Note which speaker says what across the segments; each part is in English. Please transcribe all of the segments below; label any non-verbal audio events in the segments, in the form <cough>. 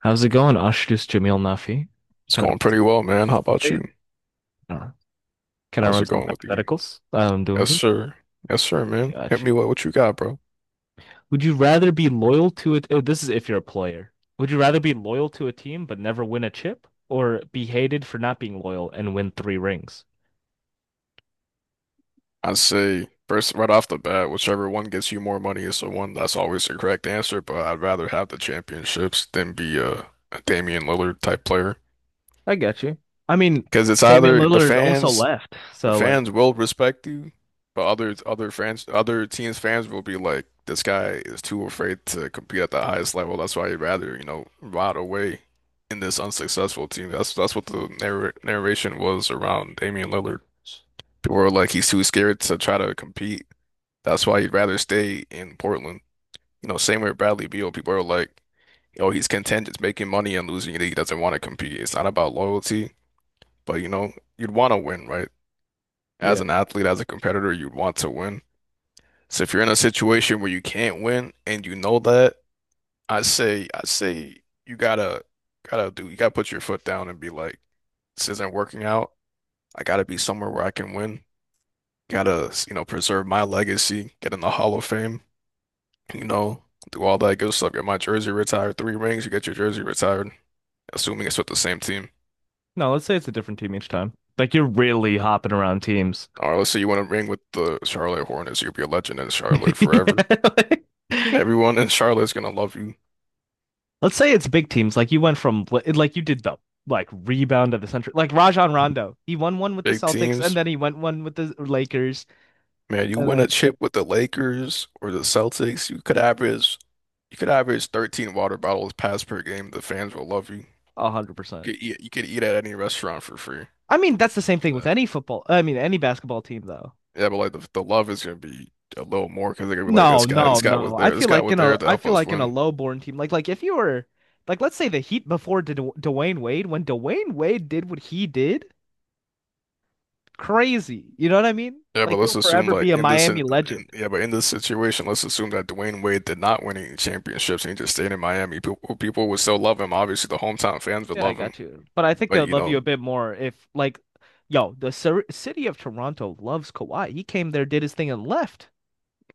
Speaker 1: How's it going, Ashdus Jamil Nafi?
Speaker 2: It's
Speaker 1: Can I run
Speaker 2: going pretty
Speaker 1: some
Speaker 2: well, man. How about you?
Speaker 1: No. Can I
Speaker 2: How's
Speaker 1: run
Speaker 2: it
Speaker 1: some
Speaker 2: going with you?
Speaker 1: hypotheticals? I'm doing
Speaker 2: Yes,
Speaker 1: good.
Speaker 2: sir. Yes, sir, man. Hit
Speaker 1: Got you.
Speaker 2: me with what you got, bro.
Speaker 1: Would you rather be loyal to it? Oh, this is if you're a player. Would you rather be loyal to a team but never win a chip, or be hated for not being loyal and win three rings?
Speaker 2: I'd say first, right off the bat, whichever one gets you more money is the one. That's always the correct answer. But I'd rather have the championships than be a Damian Lillard type player
Speaker 1: I get you. I mean,
Speaker 2: because it's
Speaker 1: Damian
Speaker 2: either
Speaker 1: Lillard also left,
Speaker 2: the
Speaker 1: so like,
Speaker 2: fans will respect you, but other fans, other teams' fans will be like, this guy is too afraid to compete at the highest level. That's why he'd rather, you know, rot away in this unsuccessful team. That's what the narration was around Damian Lillard. People were like, he's too scared to try to compete. That's why he'd rather stay in Portland. You know, same with Bradley Beal. People are like, oh, he's content just making money and losing it. He doesn't want to compete. It's not about loyalty, but you know, you'd want to win, right? As
Speaker 1: yeah.
Speaker 2: an athlete, as a competitor, you'd want to win. So if you're in a situation where you can't win and you know that, I say you gotta, gotta do, you gotta put your foot down and be like, this isn't working out. I gotta be somewhere where I can win. Gotta, you know, preserve my legacy, get in the Hall of Fame, you know, do all that good stuff. Get my jersey retired, three rings, you get your jersey retired, assuming it's with the same team.
Speaker 1: No, let's say it's a different team each time. Like you're really hopping around teams. <laughs>
Speaker 2: Or let's say you want to ring with the Charlotte Hornets, you'll be a legend in Charlotte
Speaker 1: Yeah,
Speaker 2: forever.
Speaker 1: like-
Speaker 2: Everyone in Charlotte's gonna love you.
Speaker 1: Let's say it's big teams. Like you went from like you did the like rebound of the century. Like Rajon Rondo, he won one with the
Speaker 2: Big
Speaker 1: Celtics, and
Speaker 2: teams,
Speaker 1: then he went one with the Lakers,
Speaker 2: man, you
Speaker 1: and
Speaker 2: win a
Speaker 1: then
Speaker 2: chip with the Lakers or the Celtics, you could average 13 water bottles passed per game. The fans will love you.
Speaker 1: 100%.
Speaker 2: You could eat at any restaurant for free.
Speaker 1: I mean, that's the same
Speaker 2: Like
Speaker 1: thing with
Speaker 2: that.
Speaker 1: any football. I mean, any basketball team though.
Speaker 2: Yeah, but like the love is gonna be a little more because they're gonna be like
Speaker 1: No, no, no. I
Speaker 2: this
Speaker 1: feel
Speaker 2: guy
Speaker 1: like
Speaker 2: was
Speaker 1: in a
Speaker 2: there to
Speaker 1: I
Speaker 2: help
Speaker 1: feel
Speaker 2: us
Speaker 1: like in a
Speaker 2: win.
Speaker 1: low-born team, like if you were like let's say the Heat before D Dwayne Wade, when Dwayne Wade did what he did, crazy. You know what I mean?
Speaker 2: Yeah, but
Speaker 1: Like
Speaker 2: let's
Speaker 1: he'll
Speaker 2: assume
Speaker 1: forever
Speaker 2: like
Speaker 1: be a
Speaker 2: in this
Speaker 1: Miami
Speaker 2: in-
Speaker 1: legend.
Speaker 2: yeah, but in this situation, let's assume that Dwayne Wade did not win any championships and he just stayed in Miami. People would still love him. Obviously, the hometown fans would
Speaker 1: Yeah, I
Speaker 2: love him.
Speaker 1: got you. But I think they
Speaker 2: But
Speaker 1: would
Speaker 2: you
Speaker 1: love you
Speaker 2: know,
Speaker 1: a bit more if, like, yo, the city of Toronto loves Kawhi. He came there, did his thing, and left.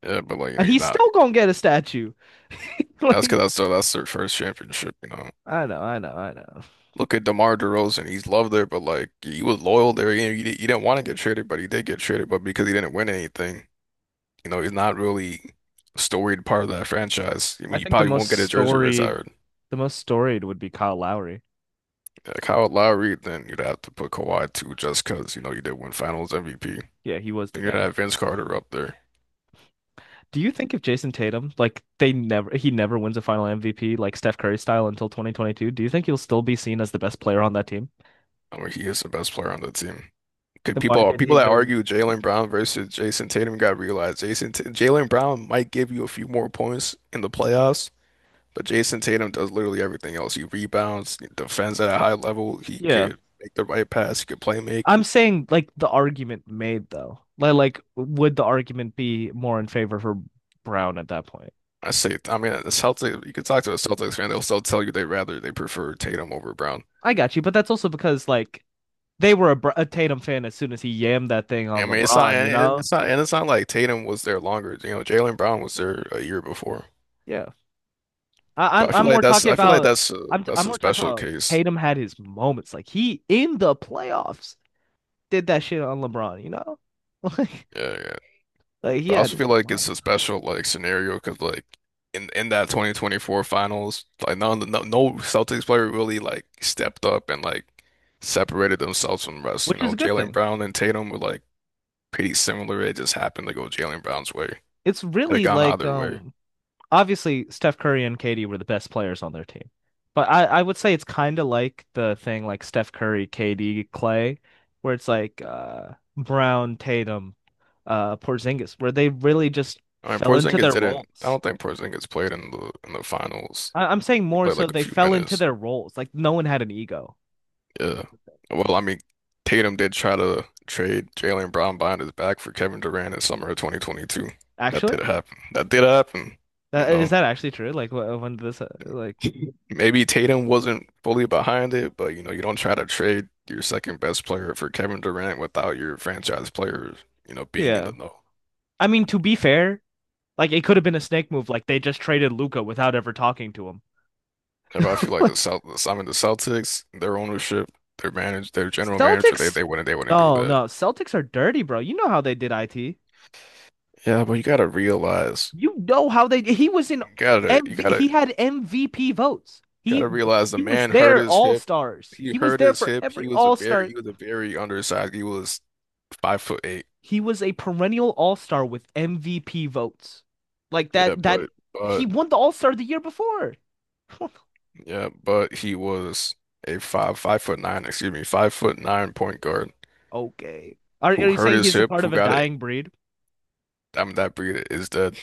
Speaker 2: yeah, but like you know,
Speaker 1: And
Speaker 2: he's
Speaker 1: he's
Speaker 2: not.
Speaker 1: still gonna get a statue. <laughs>
Speaker 2: That's
Speaker 1: Like,
Speaker 2: because that's their first championship, you know.
Speaker 1: I know, I know, I know.
Speaker 2: Look at DeMar DeRozan. He's loved there, but like he was loyal there. You know, he didn't want to get traded, but he did get traded. But because he didn't win anything, you know, he's not really a storied part of that franchise. I
Speaker 1: I
Speaker 2: mean, you
Speaker 1: think the
Speaker 2: probably
Speaker 1: most
Speaker 2: won't get a jersey
Speaker 1: storied,
Speaker 2: retired.
Speaker 1: the most storied would be Kyle Lowry.
Speaker 2: Yeah, Kyle Lowry, then you'd have to put Kawhi too, just because you know you did win Finals MVP.
Speaker 1: Yeah, he was the
Speaker 2: Then you'd
Speaker 1: guy.
Speaker 2: have Vince Carter up there.
Speaker 1: Do you think if Jason Tatum, like, they never, he never wins a final MVP, like Steph Curry style until 2022, do you think he'll still be seen as the best player on that team?
Speaker 2: I mean, he is the best player on the team. Could
Speaker 1: Then why
Speaker 2: people
Speaker 1: did he
Speaker 2: people that
Speaker 1: win?
Speaker 2: argue Jalen Brown versus Jason Tatum got to realize Jalen Brown might give you a few more points in the playoffs, but Jason Tatum does literally everything else. He rebounds, he defends at a high level. He
Speaker 1: Yeah.
Speaker 2: could make the right pass. He could play make.
Speaker 1: I'm saying like the argument made though. Like would the argument be more in favor for Brown at that point?
Speaker 2: I mean, the Celtics. You could talk to a Celtics fan; they'll still tell you they prefer Tatum over Brown.
Speaker 1: I got you, but that's also because like they were a Tatum fan as soon as he yammed that thing
Speaker 2: I
Speaker 1: on
Speaker 2: mean,
Speaker 1: LeBron, you know?
Speaker 2: it's not like Tatum was there longer. You know, Jalen Brown was there a year before.
Speaker 1: Yeah. I, I'm
Speaker 2: But
Speaker 1: I'm more talking
Speaker 2: I feel like
Speaker 1: about
Speaker 2: that's a
Speaker 1: I'm i I'm more talking
Speaker 2: special
Speaker 1: about
Speaker 2: case.
Speaker 1: Tatum had his moments. Like he in the playoffs did that shit on LeBron, you know? <laughs> Like
Speaker 2: Yeah, yeah.
Speaker 1: like he
Speaker 2: But I
Speaker 1: had
Speaker 2: also
Speaker 1: his
Speaker 2: feel like it's
Speaker 1: moments,
Speaker 2: a special like scenario because like in that 2024 finals, like none no no Celtics player really like stepped up and like separated themselves from the rest. You
Speaker 1: which is
Speaker 2: know,
Speaker 1: a good
Speaker 2: Jaylen
Speaker 1: thing.
Speaker 2: Brown and Tatum were like pretty similar. It just happened to go Jaylen Brown's way. Had
Speaker 1: It's
Speaker 2: it had
Speaker 1: really
Speaker 2: gone
Speaker 1: like
Speaker 2: either way.
Speaker 1: obviously Steph Curry and KD were the best players on their team. But I would say it's kind of like the thing like Steph Curry, KD, Clay, where it's like Brown, Tatum, Porzingis, where they really just
Speaker 2: I mean,
Speaker 1: fell into
Speaker 2: Porzingis
Speaker 1: their
Speaker 2: didn't. I
Speaker 1: roles.
Speaker 2: don't think Porzingis played in the finals.
Speaker 1: I'm saying
Speaker 2: He
Speaker 1: more
Speaker 2: played
Speaker 1: so
Speaker 2: like a
Speaker 1: they
Speaker 2: few
Speaker 1: fell into
Speaker 2: minutes.
Speaker 1: their roles. Like no one had an ego.
Speaker 2: Yeah. Well, I mean, Tatum did try to trade Jaylen Brown behind his back for Kevin Durant in summer of 2022. That
Speaker 1: Actually,
Speaker 2: did happen. That did happen. You
Speaker 1: that, is
Speaker 2: know,
Speaker 1: that actually true? Like when this, like
Speaker 2: <laughs> maybe Tatum wasn't fully behind it, but you know, you don't try to trade your second best player for Kevin Durant without your franchise player, you know, being in
Speaker 1: yeah.
Speaker 2: the know.
Speaker 1: I mean, to be fair, like it could have been a snake move. Like they just traded Luca without ever talking to him.
Speaker 2: And I feel like
Speaker 1: <laughs>
Speaker 2: I mean, the Celtics, their ownership, their general manager, they
Speaker 1: Celtics.
Speaker 2: they wouldn't do
Speaker 1: Oh
Speaker 2: that.
Speaker 1: no, Celtics are dirty, bro. You know how they did IT.
Speaker 2: Yeah, but you gotta realize,
Speaker 1: You know how they. He was in
Speaker 2: you gotta
Speaker 1: he had MVP votes. He
Speaker 2: gotta realize the
Speaker 1: he was
Speaker 2: man hurt
Speaker 1: there
Speaker 2: his
Speaker 1: All
Speaker 2: hip.
Speaker 1: Stars.
Speaker 2: He
Speaker 1: He was
Speaker 2: hurt
Speaker 1: there
Speaker 2: his
Speaker 1: for
Speaker 2: hip.
Speaker 1: every
Speaker 2: He was a
Speaker 1: All
Speaker 2: very
Speaker 1: Star.
Speaker 2: undersized. He was 5 foot 8.
Speaker 1: He was a perennial All Star with MVP votes. Like
Speaker 2: Yeah,
Speaker 1: that. That
Speaker 2: but
Speaker 1: he
Speaker 2: but
Speaker 1: won the All Star the year before. <laughs>
Speaker 2: yeah, but he was a five foot nine, excuse me, 5 foot nine point guard
Speaker 1: Okay. Are
Speaker 2: who
Speaker 1: are you
Speaker 2: hurt
Speaker 1: saying
Speaker 2: his
Speaker 1: he's a
Speaker 2: hip,
Speaker 1: part
Speaker 2: who
Speaker 1: of a
Speaker 2: got it.
Speaker 1: dying breed?
Speaker 2: I mean that breed is dead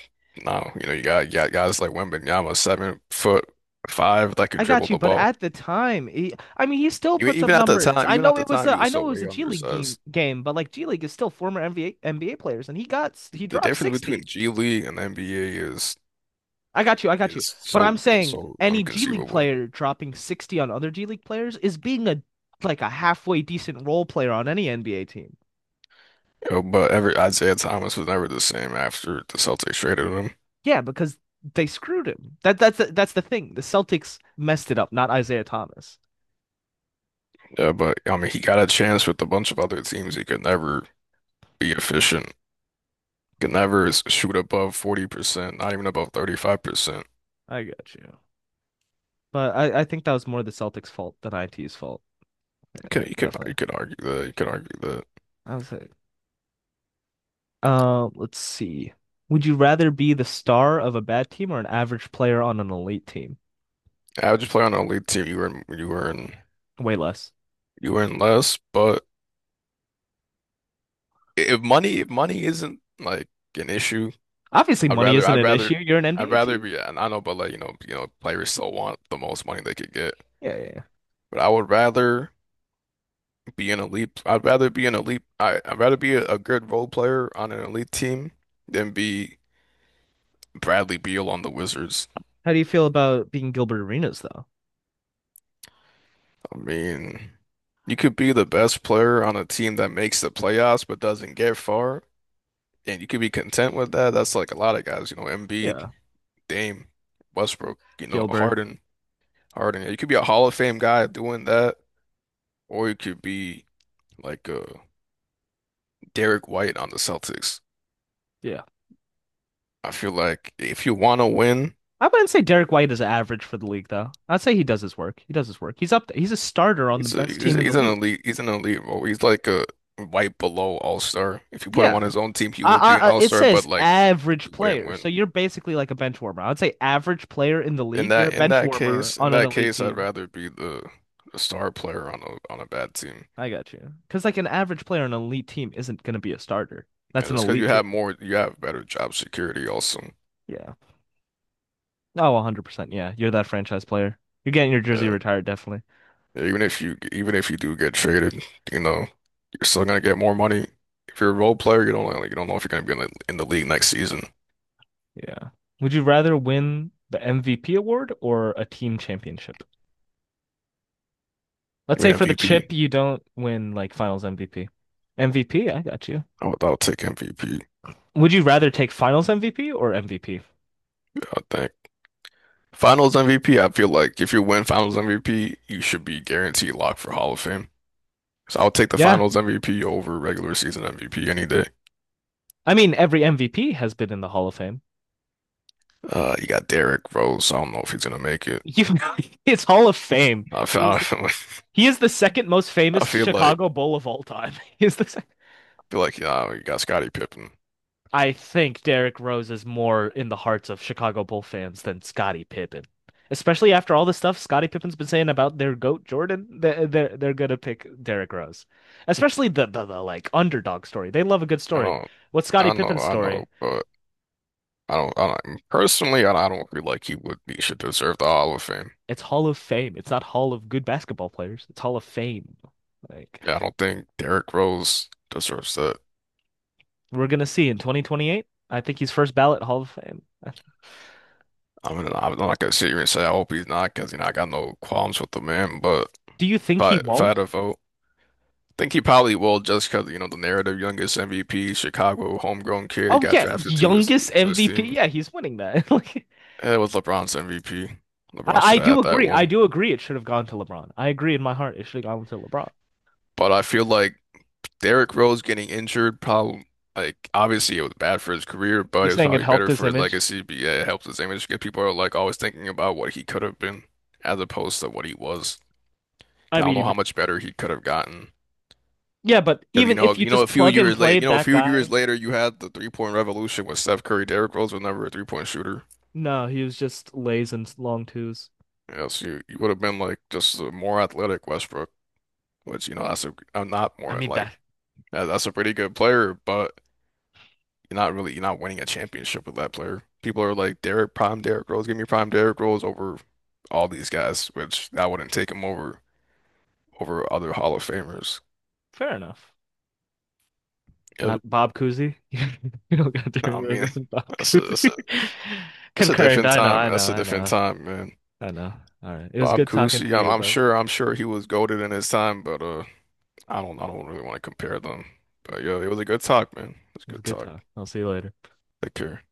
Speaker 2: now. You know, you got guys like Wembanyama, 7 foot five that could
Speaker 1: I got
Speaker 2: dribble
Speaker 1: you,
Speaker 2: the
Speaker 1: but
Speaker 2: ball.
Speaker 1: at the time, he, I mean, he still
Speaker 2: You
Speaker 1: puts up
Speaker 2: even at the
Speaker 1: numbers.
Speaker 2: time,
Speaker 1: I
Speaker 2: even at
Speaker 1: know
Speaker 2: the
Speaker 1: it was
Speaker 2: time, you
Speaker 1: a, I
Speaker 2: was
Speaker 1: know
Speaker 2: still
Speaker 1: it was
Speaker 2: way
Speaker 1: a G League game,
Speaker 2: undersized.
Speaker 1: game, but like G League is still former NBA players, and he got he
Speaker 2: The
Speaker 1: dropped
Speaker 2: difference between
Speaker 1: 60.
Speaker 2: G League and NBA is
Speaker 1: I got you, I got you. But I'm
Speaker 2: is
Speaker 1: saying
Speaker 2: so
Speaker 1: any G League
Speaker 2: inconceivable.
Speaker 1: player dropping 60 on other G League players is being a like a halfway decent role player on any NBA team.
Speaker 2: But ever Isaiah Thomas was never the same after the Celtics traded him.
Speaker 1: Yeah, because they screwed him. That's the thing. The Celtics messed it up, not Isaiah Thomas.
Speaker 2: Yeah, but I mean, he got a chance with a bunch of other teams. He could never be efficient. Could never shoot above 40%, not even above 35%.
Speaker 1: I got you. But I think that was more the Celtics' fault than IT's fault.
Speaker 2: You
Speaker 1: Definitely.
Speaker 2: could argue that. You could argue that.
Speaker 1: I was like, let's see. Would you rather be the star of a bad team or an average player on an elite team?
Speaker 2: How'd you play on an elite team? You were in
Speaker 1: Way less.
Speaker 2: less, but if money isn't like an issue,
Speaker 1: Obviously,
Speaker 2: I'd
Speaker 1: money
Speaker 2: rather
Speaker 1: isn't
Speaker 2: I'd
Speaker 1: an
Speaker 2: rather
Speaker 1: issue. You're an
Speaker 2: I'd
Speaker 1: NBA
Speaker 2: rather
Speaker 1: team.
Speaker 2: be. And I know, but like you know players still want the most money they could get.
Speaker 1: Yeah, yeah. Yeah.
Speaker 2: But I would rather be an elite. I'd rather be an elite. I'd rather be a good role player on an elite team than be Bradley Beal on the Wizards.
Speaker 1: How do you feel about being Gilbert Arenas, though?
Speaker 2: I mean, you could be the best player on a team that makes the playoffs but doesn't get far, and you could be content with that. That's like a lot of guys, you know, Embiid,
Speaker 1: Yeah,
Speaker 2: Dame, Westbrook, you know,
Speaker 1: Gilbert.
Speaker 2: Harden. You could be a Hall of Fame guy doing that, or you could be like Derek White on the Celtics.
Speaker 1: Yeah.
Speaker 2: I feel like if you want to win.
Speaker 1: I wouldn't say Derek White is average for the league, though. I'd say he does his work. He does his work. He's up there. He's a starter on the best team in the
Speaker 2: He's an
Speaker 1: league.
Speaker 2: elite. He's an elite role. He's like a right below all-star. If you put him on
Speaker 1: Yeah.
Speaker 2: his own team, he would be an
Speaker 1: It
Speaker 2: all-star, but
Speaker 1: says
Speaker 2: like he
Speaker 1: average
Speaker 2: wouldn't
Speaker 1: player.
Speaker 2: win.
Speaker 1: So you're basically like a bench warmer. I would say average player in the league. You're a bench warmer
Speaker 2: In
Speaker 1: on an
Speaker 2: that
Speaker 1: elite
Speaker 2: case, I'd
Speaker 1: team.
Speaker 2: rather be the star player on a bad team.
Speaker 1: I got you. Because like an average player on an elite team isn't going to be a starter.
Speaker 2: Yeah,
Speaker 1: That's an
Speaker 2: just because you
Speaker 1: elite team.
Speaker 2: have more, you have better job security also.
Speaker 1: Yeah. Oh, 100%. Yeah. You're that franchise player. You're getting your jersey
Speaker 2: Yeah.
Speaker 1: retired, definitely.
Speaker 2: Yeah, even if you do get traded, you know, you're still gonna get more money. If you're a role player, you don't like you don't know if you're gonna be in in the league next season.
Speaker 1: Yeah. Would you rather win the MVP award or a team championship? Let's
Speaker 2: I
Speaker 1: say
Speaker 2: mean,
Speaker 1: for the
Speaker 2: MVP.
Speaker 1: chip, you don't win like finals MVP. MVP, I got you.
Speaker 2: I would take MVP.
Speaker 1: Would you rather take finals MVP or MVP?
Speaker 2: I think. Finals MVP, I feel like if you win Finals MVP, you should be guaranteed locked for Hall of Fame. So I'll take the
Speaker 1: Yeah.
Speaker 2: Finals MVP over regular season MVP any day.
Speaker 1: I mean, every MVP has been in the Hall of Fame.
Speaker 2: You got Derrick Rose. So I don't know if he's gonna make it.
Speaker 1: You, <laughs> it's Hall of Fame.
Speaker 2: I feel, <laughs> I
Speaker 1: He's
Speaker 2: feel like
Speaker 1: He is the second most
Speaker 2: I
Speaker 1: famous
Speaker 2: feel like
Speaker 1: Chicago
Speaker 2: I
Speaker 1: Bull of all time. <laughs> He is the sec-
Speaker 2: feel like yeah, you got Scottie Pippen.
Speaker 1: I think Derrick Rose is more in the hearts of Chicago Bull fans than Scottie Pippen. Especially after all the stuff Scottie Pippen's been saying about their goat Jordan, they're gonna pick Derrick Rose. Especially the like underdog story. They love a good
Speaker 2: I
Speaker 1: story.
Speaker 2: don't,
Speaker 1: What's Scottie Pippen's
Speaker 2: I
Speaker 1: story?
Speaker 2: know, but I don't personally, I don't feel like he would be should deserve the Hall of Fame.
Speaker 1: It's Hall of Fame. It's not Hall of Good Basketball Players. It's Hall of Fame. Like
Speaker 2: Yeah, I don't think Derrick Rose deserves that.
Speaker 1: we're gonna see in 2028. I think he's first ballot Hall of Fame.
Speaker 2: I mean, I'm not gonna sit here and say I hope he's not because you know I got no qualms with the man, but.
Speaker 1: Do you think he
Speaker 2: If I had
Speaker 1: won't?
Speaker 2: a vote, I think he probably will just because you know the narrative youngest MVP, Chicago homegrown kid. He
Speaker 1: Oh
Speaker 2: got
Speaker 1: yeah,
Speaker 2: drafted to
Speaker 1: youngest
Speaker 2: his
Speaker 1: MVP.
Speaker 2: team.
Speaker 1: Yeah, he's winning that. <laughs> Like,
Speaker 2: Yeah, it was LeBron's MVP. LeBron
Speaker 1: I
Speaker 2: should have
Speaker 1: do
Speaker 2: had that
Speaker 1: agree. I
Speaker 2: one.
Speaker 1: do agree. It should have gone to LeBron. I agree in my heart. It should have gone to LeBron.
Speaker 2: But I feel like Derrick Rose getting injured probably obviously it was bad for his career, but
Speaker 1: You're
Speaker 2: it was
Speaker 1: saying it
Speaker 2: probably
Speaker 1: helped
Speaker 2: better
Speaker 1: his
Speaker 2: for his
Speaker 1: image?
Speaker 2: legacy. But yeah, it helps his image, 'cause people are like always thinking about what he could have been as opposed to what he was.
Speaker 1: I
Speaker 2: 'Cause I don't know
Speaker 1: mean,
Speaker 2: how much better he could have gotten.
Speaker 1: yeah, but
Speaker 2: Because
Speaker 1: even if you
Speaker 2: you know, a
Speaker 1: just
Speaker 2: few
Speaker 1: plug and
Speaker 2: years later,
Speaker 1: played that guy,
Speaker 2: you had the three point revolution with Steph Curry. Derrick Rose was never a three point shooter.
Speaker 1: no, he was just lays and long twos.
Speaker 2: Yes, you would have been like just a more athletic Westbrook, which you know that's a I'm not
Speaker 1: I
Speaker 2: more
Speaker 1: mean
Speaker 2: like
Speaker 1: that.
Speaker 2: that- that's a pretty good player, but you're not winning a championship with that player. People are like Derrick prime Derrick Rose, give me prime Derrick Rose over all these guys, which I wouldn't take him over other Hall of Famers.
Speaker 1: Fair enough. Not
Speaker 2: Yep.
Speaker 1: Bob Cousy. <laughs> You don't got
Speaker 2: I
Speaker 1: Derrick Rose
Speaker 2: mean,
Speaker 1: and
Speaker 2: <laughs>
Speaker 1: Bob
Speaker 2: that's a
Speaker 1: Cousy.
Speaker 2: that's a,
Speaker 1: <laughs>
Speaker 2: that's a
Speaker 1: Concurrent.
Speaker 2: different
Speaker 1: I know.
Speaker 2: time.
Speaker 1: I know.
Speaker 2: That's a
Speaker 1: I
Speaker 2: different
Speaker 1: know.
Speaker 2: time, man.
Speaker 1: I know. All right. It was
Speaker 2: Bob
Speaker 1: good talking
Speaker 2: Cousy,
Speaker 1: to you, bud.
Speaker 2: I'm sure he was goated in his time, but I don't really want to compare them. But
Speaker 1: It
Speaker 2: yeah, it was a good talk, man. It was a
Speaker 1: was
Speaker 2: good
Speaker 1: good
Speaker 2: talk.
Speaker 1: talk. I'll see you later.
Speaker 2: Take care.